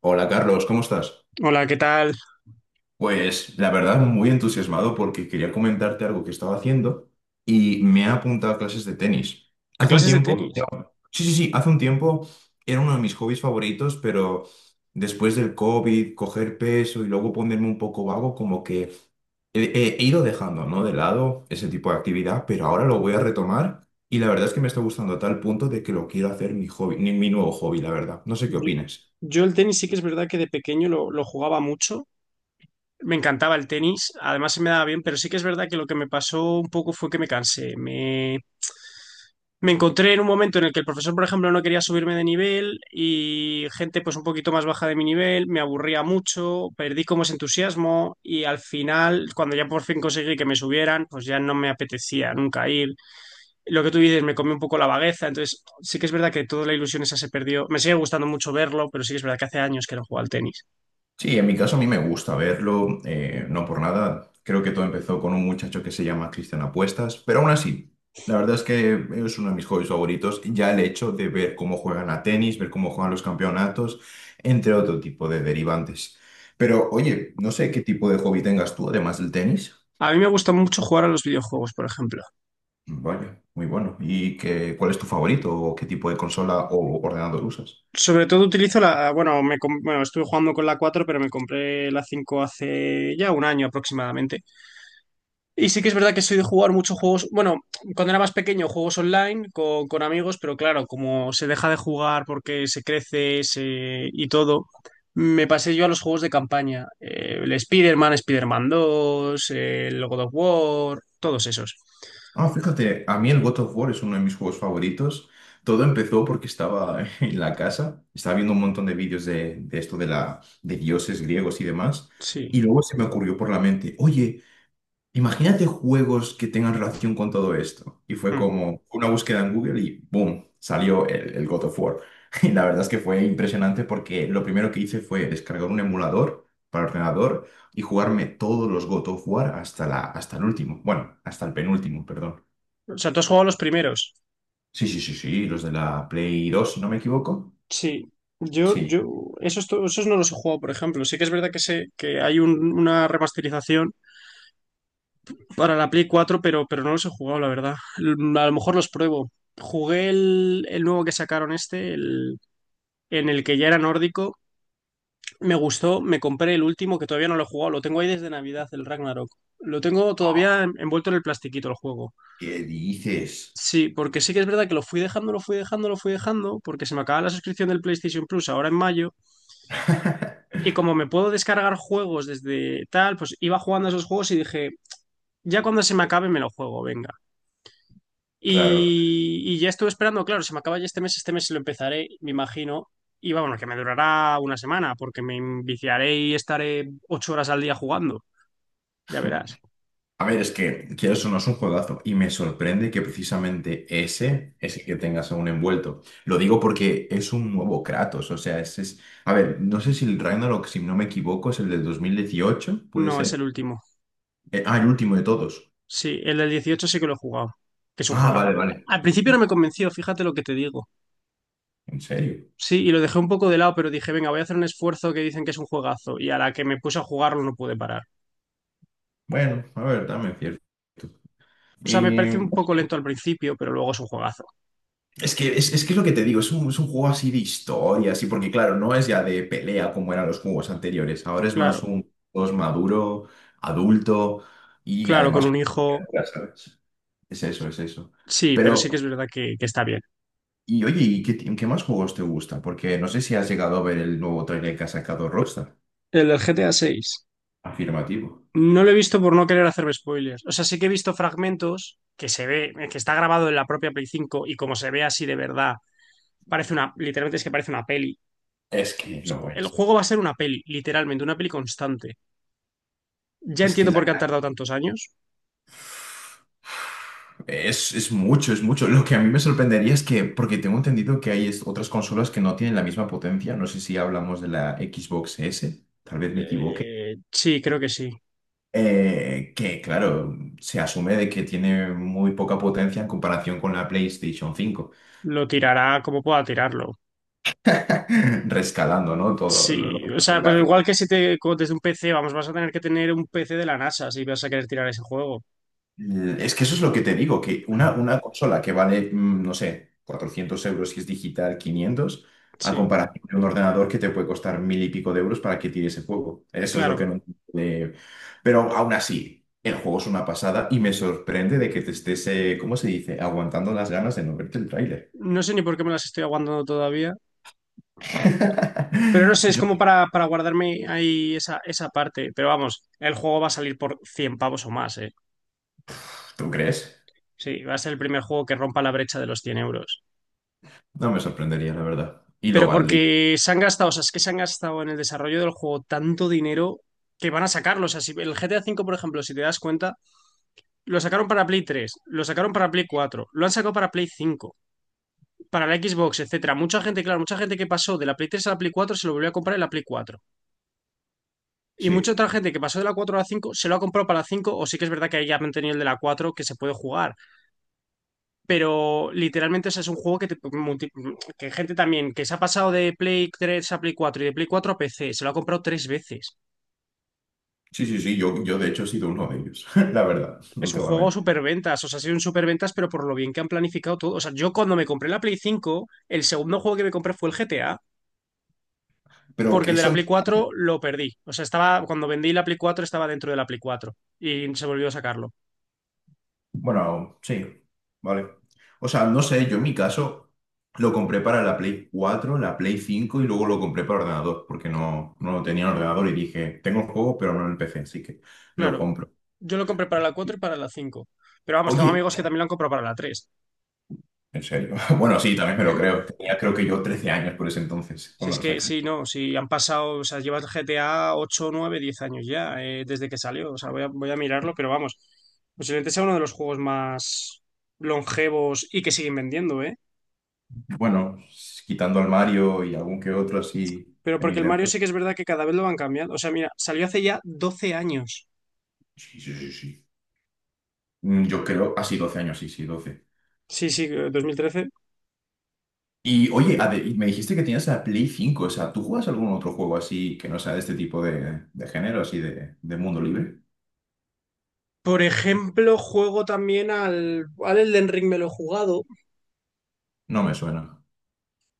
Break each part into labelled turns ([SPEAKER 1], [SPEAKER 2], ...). [SPEAKER 1] Hola Carlos, ¿cómo estás?
[SPEAKER 2] Hola, ¿qué tal?
[SPEAKER 1] Pues la verdad muy entusiasmado porque quería comentarte algo que estaba haciendo y me he apuntado a clases de tenis.
[SPEAKER 2] ¿A
[SPEAKER 1] Hace un
[SPEAKER 2] clases de
[SPEAKER 1] tiempo,
[SPEAKER 2] tenis?
[SPEAKER 1] sí, sí, sí, hace un tiempo era uno de mis hobbies favoritos, pero después del COVID, coger peso y luego ponerme un poco vago, como que he ido dejando, ¿no?, de lado ese tipo de actividad, pero ahora lo voy a retomar y la verdad es que me está gustando a tal punto de que lo quiero hacer mi hobby, mi nuevo hobby, la verdad. No sé qué
[SPEAKER 2] Yo,
[SPEAKER 1] opinas.
[SPEAKER 2] yo el tenis sí que es verdad que de pequeño lo jugaba mucho. Me encantaba el tenis, además se me daba bien, pero sí que es verdad que lo que me pasó un poco fue que me cansé. Me encontré en un momento en el que el profesor, por ejemplo, no quería subirme de nivel y gente pues un poquito más baja de mi nivel, me aburría mucho, perdí como ese entusiasmo y al final, cuando ya por fin conseguí que me subieran, pues ya no me apetecía nunca ir. Lo que tú dices, me comió un poco la vagueza, entonces sí que es verdad que toda la ilusión esa se perdió. Me sigue gustando mucho verlo, pero sí que es verdad que hace años que no juego al tenis.
[SPEAKER 1] Sí, en mi caso a mí me gusta verlo, no por nada. Creo que todo empezó con un muchacho que se llama Cristian Apuestas, pero aún así, la verdad es que es uno de mis hobbies favoritos. Ya el hecho de ver cómo juegan a tenis, ver cómo juegan los campeonatos, entre otro tipo de derivantes. Pero oye, no sé qué tipo de hobby tengas tú, además del tenis.
[SPEAKER 2] A mí me gusta mucho jugar a los videojuegos, por ejemplo.
[SPEAKER 1] Vaya, muy bueno. ¿Y qué, cuál es tu favorito o qué tipo de consola o ordenador usas?
[SPEAKER 2] Sobre todo utilizo bueno, bueno, estuve jugando con la 4 pero me compré la 5 hace ya un año aproximadamente. Y sí que es verdad que soy de jugar muchos juegos, bueno, cuando era más pequeño juegos online con amigos, pero claro, como se deja de jugar porque se crece, y todo, me pasé yo a los juegos de campaña. El Spider-Man, Spider-Man 2, el God of War, todos esos.
[SPEAKER 1] Ah, fíjate, a mí el God of War es uno de mis juegos favoritos. Todo empezó porque estaba en la casa, estaba viendo un montón de vídeos de, de dioses griegos y demás,
[SPEAKER 2] Sí.
[SPEAKER 1] y luego se me ocurrió por la mente, oye, imagínate juegos que tengan relación con todo esto. Y fue
[SPEAKER 2] Mm.
[SPEAKER 1] como una búsqueda en Google y ¡boom!, salió el God of War. Y la verdad es que fue impresionante porque lo primero que hice fue descargar un emulador para ordenador y jugarme todos los God of War hasta el último, bueno, hasta el penúltimo, perdón.
[SPEAKER 2] O sea, tú has jugado los primeros.
[SPEAKER 1] Sí, sí, sí, sí, los de la Play 2 si no me equivoco.
[SPEAKER 2] Sí. Yo,
[SPEAKER 1] Sí.
[SPEAKER 2] yo, Esos, esos no los he jugado, por ejemplo. Sí que es verdad que sé que hay una remasterización para la Play 4, pero no los he jugado, la verdad. A lo mejor los pruebo. Jugué el nuevo que sacaron en el que ya era nórdico. Me gustó, me compré el último que todavía no lo he jugado. Lo tengo ahí desde Navidad, el Ragnarok. Lo tengo
[SPEAKER 1] Oh,
[SPEAKER 2] todavía envuelto en el plastiquito el juego.
[SPEAKER 1] ¿qué dices?
[SPEAKER 2] Sí, porque sí que es verdad que lo fui dejando, lo fui dejando, lo fui dejando, porque se me acaba la suscripción del PlayStation Plus ahora en mayo. Y como me puedo descargar juegos desde tal, pues iba jugando a esos juegos y dije, ya cuando se me acabe me lo juego, venga.
[SPEAKER 1] Claro.
[SPEAKER 2] Y ya estuve esperando, claro, se me acaba ya este mes, lo empezaré, me imagino. Y bueno, que me durará una semana, porque me enviciaré y estaré 8 horas al día jugando. Ya verás.
[SPEAKER 1] A ver, es que quieras o no es un juegazo y me sorprende que precisamente ese es el que tengas aún envuelto. Lo digo porque es un nuevo Kratos, o sea, ese es... A ver, no sé si el Ragnarok, si no me equivoco, es el del dos mil dieciocho, ¿puede
[SPEAKER 2] No, es el
[SPEAKER 1] ser?
[SPEAKER 2] último.
[SPEAKER 1] El último de todos.
[SPEAKER 2] Sí, el del 18 sí que lo he jugado, que es un
[SPEAKER 1] Ah,
[SPEAKER 2] juego.
[SPEAKER 1] vale, vale.
[SPEAKER 2] Al principio no me convenció, fíjate lo que te digo.
[SPEAKER 1] ¿En serio?
[SPEAKER 2] Sí, y lo dejé un poco de lado, pero dije, venga, voy a hacer un esfuerzo que dicen que es un juegazo. Y a la que me puse a jugarlo no pude parar.
[SPEAKER 1] Bueno, a ver, también es cierto.
[SPEAKER 2] O sea, me pareció un poco lento al principio, pero luego es un juegazo.
[SPEAKER 1] Es que es lo que te digo, es un juego así de historia, así, porque claro, no es ya de pelea como eran los juegos anteriores, ahora es más
[SPEAKER 2] Claro,
[SPEAKER 1] un juego maduro, adulto y
[SPEAKER 2] claro, con
[SPEAKER 1] además
[SPEAKER 2] un
[SPEAKER 1] con
[SPEAKER 2] hijo.
[SPEAKER 1] criaturas, ¿sabes? Es eso, es eso.
[SPEAKER 2] Sí, pero sí que es
[SPEAKER 1] Pero,
[SPEAKER 2] verdad que está bien.
[SPEAKER 1] y oye, ¿y qué, ti- qué más juegos te gustan? Porque no sé si has llegado a ver el nuevo trailer que ha sacado Rockstar.
[SPEAKER 2] El del GTA 6.
[SPEAKER 1] Afirmativo.
[SPEAKER 2] No lo he visto por no querer hacer spoilers. O sea, sí que he visto fragmentos que se ve, que está grabado en la propia Play 5 y como se ve así de verdad, literalmente es que parece una peli.
[SPEAKER 1] Es que
[SPEAKER 2] O sea,
[SPEAKER 1] lo
[SPEAKER 2] el
[SPEAKER 1] es.
[SPEAKER 2] juego va a ser una peli, literalmente, una peli constante. Ya
[SPEAKER 1] Es que
[SPEAKER 2] entiendo por qué han tardado tantos años.
[SPEAKER 1] Es mucho, es mucho. Lo que a mí me sorprendería es que, porque tengo entendido que hay es- otras consolas que no tienen la misma potencia, no sé si hablamos de la Xbox S, tal vez me equivoque,
[SPEAKER 2] Sí, creo que sí.
[SPEAKER 1] que claro, se asume de que tiene muy poca potencia en comparación con la PlayStation cinco
[SPEAKER 2] Lo tirará como pueda tirarlo.
[SPEAKER 1] rescalando, ¿no?, Todo lo,
[SPEAKER 2] Sí, o
[SPEAKER 1] lo
[SPEAKER 2] sea, pero
[SPEAKER 1] gráfico.
[SPEAKER 2] igual que si te como desde un PC, vamos, vas a tener que tener un PC de la NASA si vas a querer tirar ese juego.
[SPEAKER 1] Es que eso es lo que te digo, que una consola que vale, no sé, 400 euros si es digital, quinientos, a
[SPEAKER 2] Sí,
[SPEAKER 1] comparación de un ordenador que te puede costar mil y pico de euros para que tire ese juego. Eso es lo que
[SPEAKER 2] claro.
[SPEAKER 1] no... eh, Pero aún así, el juego es una pasada y me sorprende de que te estés, ¿cómo se dice?, aguantando las ganas de no verte el tráiler.
[SPEAKER 2] No sé ni por qué me las estoy aguantando todavía. Pero no sé, es
[SPEAKER 1] Yo-
[SPEAKER 2] como para guardarme ahí esa parte. Pero vamos, el juego va a salir por 100 pavos o más, ¿eh?
[SPEAKER 1] ¿Tú crees?
[SPEAKER 2] Sí, va a ser el primer juego que rompa la brecha de los 100 euros.
[SPEAKER 1] No me sorprendería, la verdad. Y lo
[SPEAKER 2] Pero
[SPEAKER 1] valdría.
[SPEAKER 2] porque se han gastado, o sea, es que se han gastado en el desarrollo del juego tanto dinero que van a sacarlo. O sea, si el GTA cinco, por ejemplo, si te das cuenta, lo sacaron para Play 3, lo sacaron para Play 4, lo han sacado para Play 5, para la Xbox, etcétera. Mucha gente, claro, mucha gente que pasó de la Play 3 a la Play 4 se lo volvió a comprar en la Play 4. Y mucha
[SPEAKER 1] Sí,
[SPEAKER 2] otra gente que pasó de la 4 a la 5 se lo ha comprado para la 5 o sí que es verdad que ahí ya han tenido el de la 4 que se puede jugar. Pero literalmente, ese es un juego que, que gente también que se ha pasado de Play 3 a Play 4 y de Play 4 a PC, se lo ha comprado tres veces.
[SPEAKER 1] sí, sí, sí, yo de hecho he sido uno de ellos, la verdad, no
[SPEAKER 2] Es un
[SPEAKER 1] te voy a
[SPEAKER 2] juego
[SPEAKER 1] mentir.
[SPEAKER 2] superventas, o sea, ha sido un superventas, pero por lo bien que han planificado todo. O sea, yo cuando me compré la Play 5 el segundo juego que me compré fue el GTA,
[SPEAKER 1] Pero
[SPEAKER 2] porque
[SPEAKER 1] que
[SPEAKER 2] el de
[SPEAKER 1] eso
[SPEAKER 2] la Play 4 lo perdí. O sea, estaba, cuando vendí la Play 4 estaba dentro de la Play 4 y se volvió a sacarlo.
[SPEAKER 1] Bueno, sí, vale. O sea, no sé, yo en mi caso lo compré para la Play cuatro, la Play cinco y luego lo compré para ordenador, porque no, no lo tenía en ordenador y dije, tengo el juego, pero no en el PC, así que lo
[SPEAKER 2] Claro,
[SPEAKER 1] compro.
[SPEAKER 2] yo lo compré para la 4 y para la 5. Pero vamos, tengo
[SPEAKER 1] Oye,
[SPEAKER 2] amigos que también lo han comprado para la tres.
[SPEAKER 1] en serio. Bueno, sí, también me lo creo. Tenía creo que yo 13 años por ese entonces,
[SPEAKER 2] Si
[SPEAKER 1] cuando
[SPEAKER 2] es
[SPEAKER 1] lo
[SPEAKER 2] que,
[SPEAKER 1] sacaron.
[SPEAKER 2] sí, no, si han pasado, o sea, lleva el GTA 8 9 10 años ya, desde que salió. O sea, voy a mirarlo, pero vamos, posiblemente sea uno de los juegos más longevos y que siguen vendiendo, ¿eh?
[SPEAKER 1] Bueno, quitando al Mario y algún que otro así
[SPEAKER 2] Pero
[SPEAKER 1] de
[SPEAKER 2] porque el Mario
[SPEAKER 1] Nintendo.
[SPEAKER 2] sí que es verdad que cada vez lo van cambiando. O sea, mira, salió hace ya 12 años.
[SPEAKER 1] Sí, sí, sí, sí. Yo creo, así 12 años, sí, sí, 12.
[SPEAKER 2] Sí, sí, 2013.
[SPEAKER 1] Y oye, ade- y me dijiste que tenías la Play cinco, o sea, ¿tú juegas algún otro juego así que no sea de este tipo de género, así de mundo libre?
[SPEAKER 2] Por ejemplo, juego también al, al Elden Ring, me lo he jugado.
[SPEAKER 1] No me suena.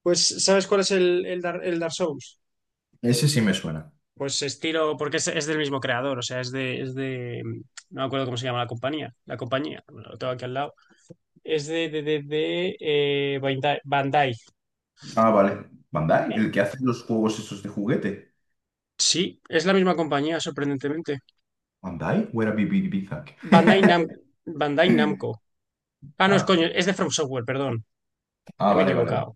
[SPEAKER 2] Pues, ¿sabes cuál es el Dark Souls?
[SPEAKER 1] Ese sí me suena.
[SPEAKER 2] Pues estilo, porque es del mismo creador, o sea, no me acuerdo cómo se llama la compañía, bueno, lo tengo aquí al lado, es Bandai. Bandai.
[SPEAKER 1] Ah, vale. ¿Bandai?
[SPEAKER 2] Eh,
[SPEAKER 1] ¿El que hace los juegos esos de juguete?
[SPEAKER 2] Sí, es la misma compañía, sorprendentemente.
[SPEAKER 1] ¿Bandai? ¿O era BB Bizak?
[SPEAKER 2] Bandai Nam, Bandai Namco. Ah, no, es
[SPEAKER 1] Ah,
[SPEAKER 2] coño, es de From Software, perdón,
[SPEAKER 1] ah,
[SPEAKER 2] que me he
[SPEAKER 1] vale, vale.
[SPEAKER 2] equivocado.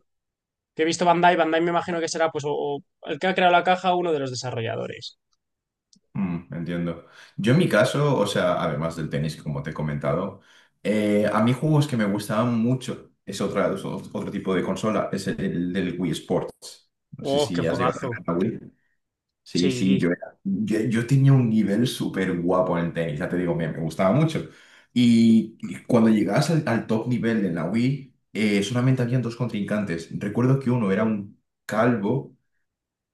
[SPEAKER 2] Que he visto Bandai me imagino que será pues o el que ha creado la caja, uno de los desarrolladores.
[SPEAKER 1] Entiendo. Yo en mi caso, o sea, además del tenis, como te he comentado, a mí juegos que me gustaban mucho, es otra, es otro tipo de consola, es el del Wii Sports. No sé
[SPEAKER 2] Oh, qué
[SPEAKER 1] si has llegado a tener
[SPEAKER 2] juegazo.
[SPEAKER 1] la Wii. Sí, sí,
[SPEAKER 2] Sí,
[SPEAKER 1] yo tenía un nivel súper guapo en el tenis, ya te digo, me gustaba mucho. Y cuando llegabas al top nivel en la Wii, solamente habían dos contrincantes. Recuerdo que uno era un calvo,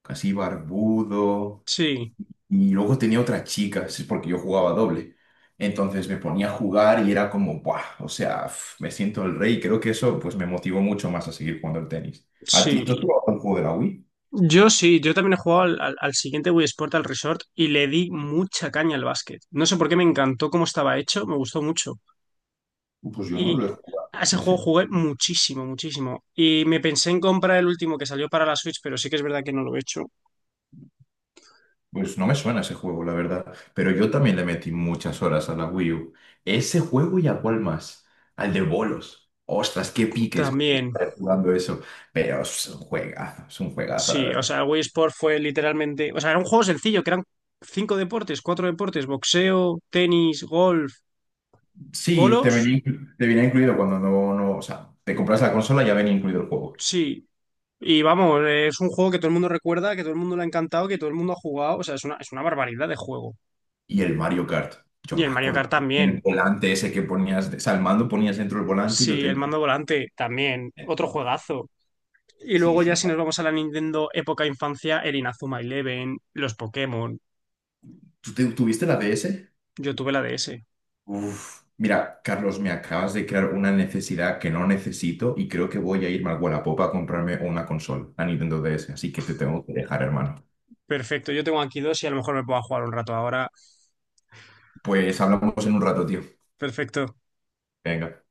[SPEAKER 1] casi barbudo,
[SPEAKER 2] sí,
[SPEAKER 1] y luego tenía otra chica, es porque yo jugaba doble. Entonces me ponía a jugar y era como, ¡buah! O sea, f- me siento el rey. Creo que eso pues me motivó mucho más a seguir jugando al tenis. ¿A ti, tú has
[SPEAKER 2] sí.
[SPEAKER 1] jugado un juego de la Wii?
[SPEAKER 2] Yo sí, yo también he jugado al siguiente Wii Sport, al Resort, y le di mucha caña al básquet. No sé por qué me encantó cómo estaba hecho, me gustó mucho.
[SPEAKER 1] Pues yo no
[SPEAKER 2] Y
[SPEAKER 1] lo he jugado.
[SPEAKER 2] a ese juego jugué muchísimo, muchísimo. Y me pensé en comprar el último que salió para la Switch, pero sí que es verdad que no lo he hecho.
[SPEAKER 1] Pues no me suena ese juego, la verdad. Pero yo también le metí muchas horas a la Wii U. Ese juego y a cuál más. Al de bolos. Ostras, qué piques con mi
[SPEAKER 2] También,
[SPEAKER 1] padre jugando eso. Pero es un juegazo, la
[SPEAKER 2] sí, o
[SPEAKER 1] verdad.
[SPEAKER 2] sea, Wii Sport fue literalmente. O sea, era un juego sencillo, que eran cinco deportes, cuatro deportes: boxeo, tenis, golf,
[SPEAKER 1] Sí, te
[SPEAKER 2] bolos.
[SPEAKER 1] venía, inclu- te venía incluido cuando no, no, o sea, te compras la consola, ya venía incluido el juego.
[SPEAKER 2] Sí, y vamos, es un juego que todo el mundo recuerda, que todo el mundo le ha encantado, que todo el mundo ha jugado. O sea, es una barbaridad de juego.
[SPEAKER 1] Y el Mario Kart. Yo
[SPEAKER 2] Y el
[SPEAKER 1] me
[SPEAKER 2] Mario Kart
[SPEAKER 1] acuerdo que en el
[SPEAKER 2] también.
[SPEAKER 1] volante ese que ponías, o sea, el mando ponías dentro del volante y lo
[SPEAKER 2] Sí, el
[SPEAKER 1] tenías.
[SPEAKER 2] mando volante también. Otro juegazo. Y
[SPEAKER 1] Sí,
[SPEAKER 2] luego ya
[SPEAKER 1] sí.
[SPEAKER 2] si nos vamos a la Nintendo época infancia, el Inazuma Eleven, los Pokémon.
[SPEAKER 1] ¿Tú te- tuviste la DS?
[SPEAKER 2] Yo tuve la DS.
[SPEAKER 1] Uf, mira, Carlos, me acabas de crear una necesidad que no necesito y creo que voy a irme al Wallapop a comprarme una consola, la Nintendo DS, así que te tengo que dejar, hermano.
[SPEAKER 2] Perfecto, yo tengo aquí dos y a lo mejor me puedo jugar un rato ahora.
[SPEAKER 1] Pues hablamos en un rato, tío.
[SPEAKER 2] Perfecto.
[SPEAKER 1] Venga.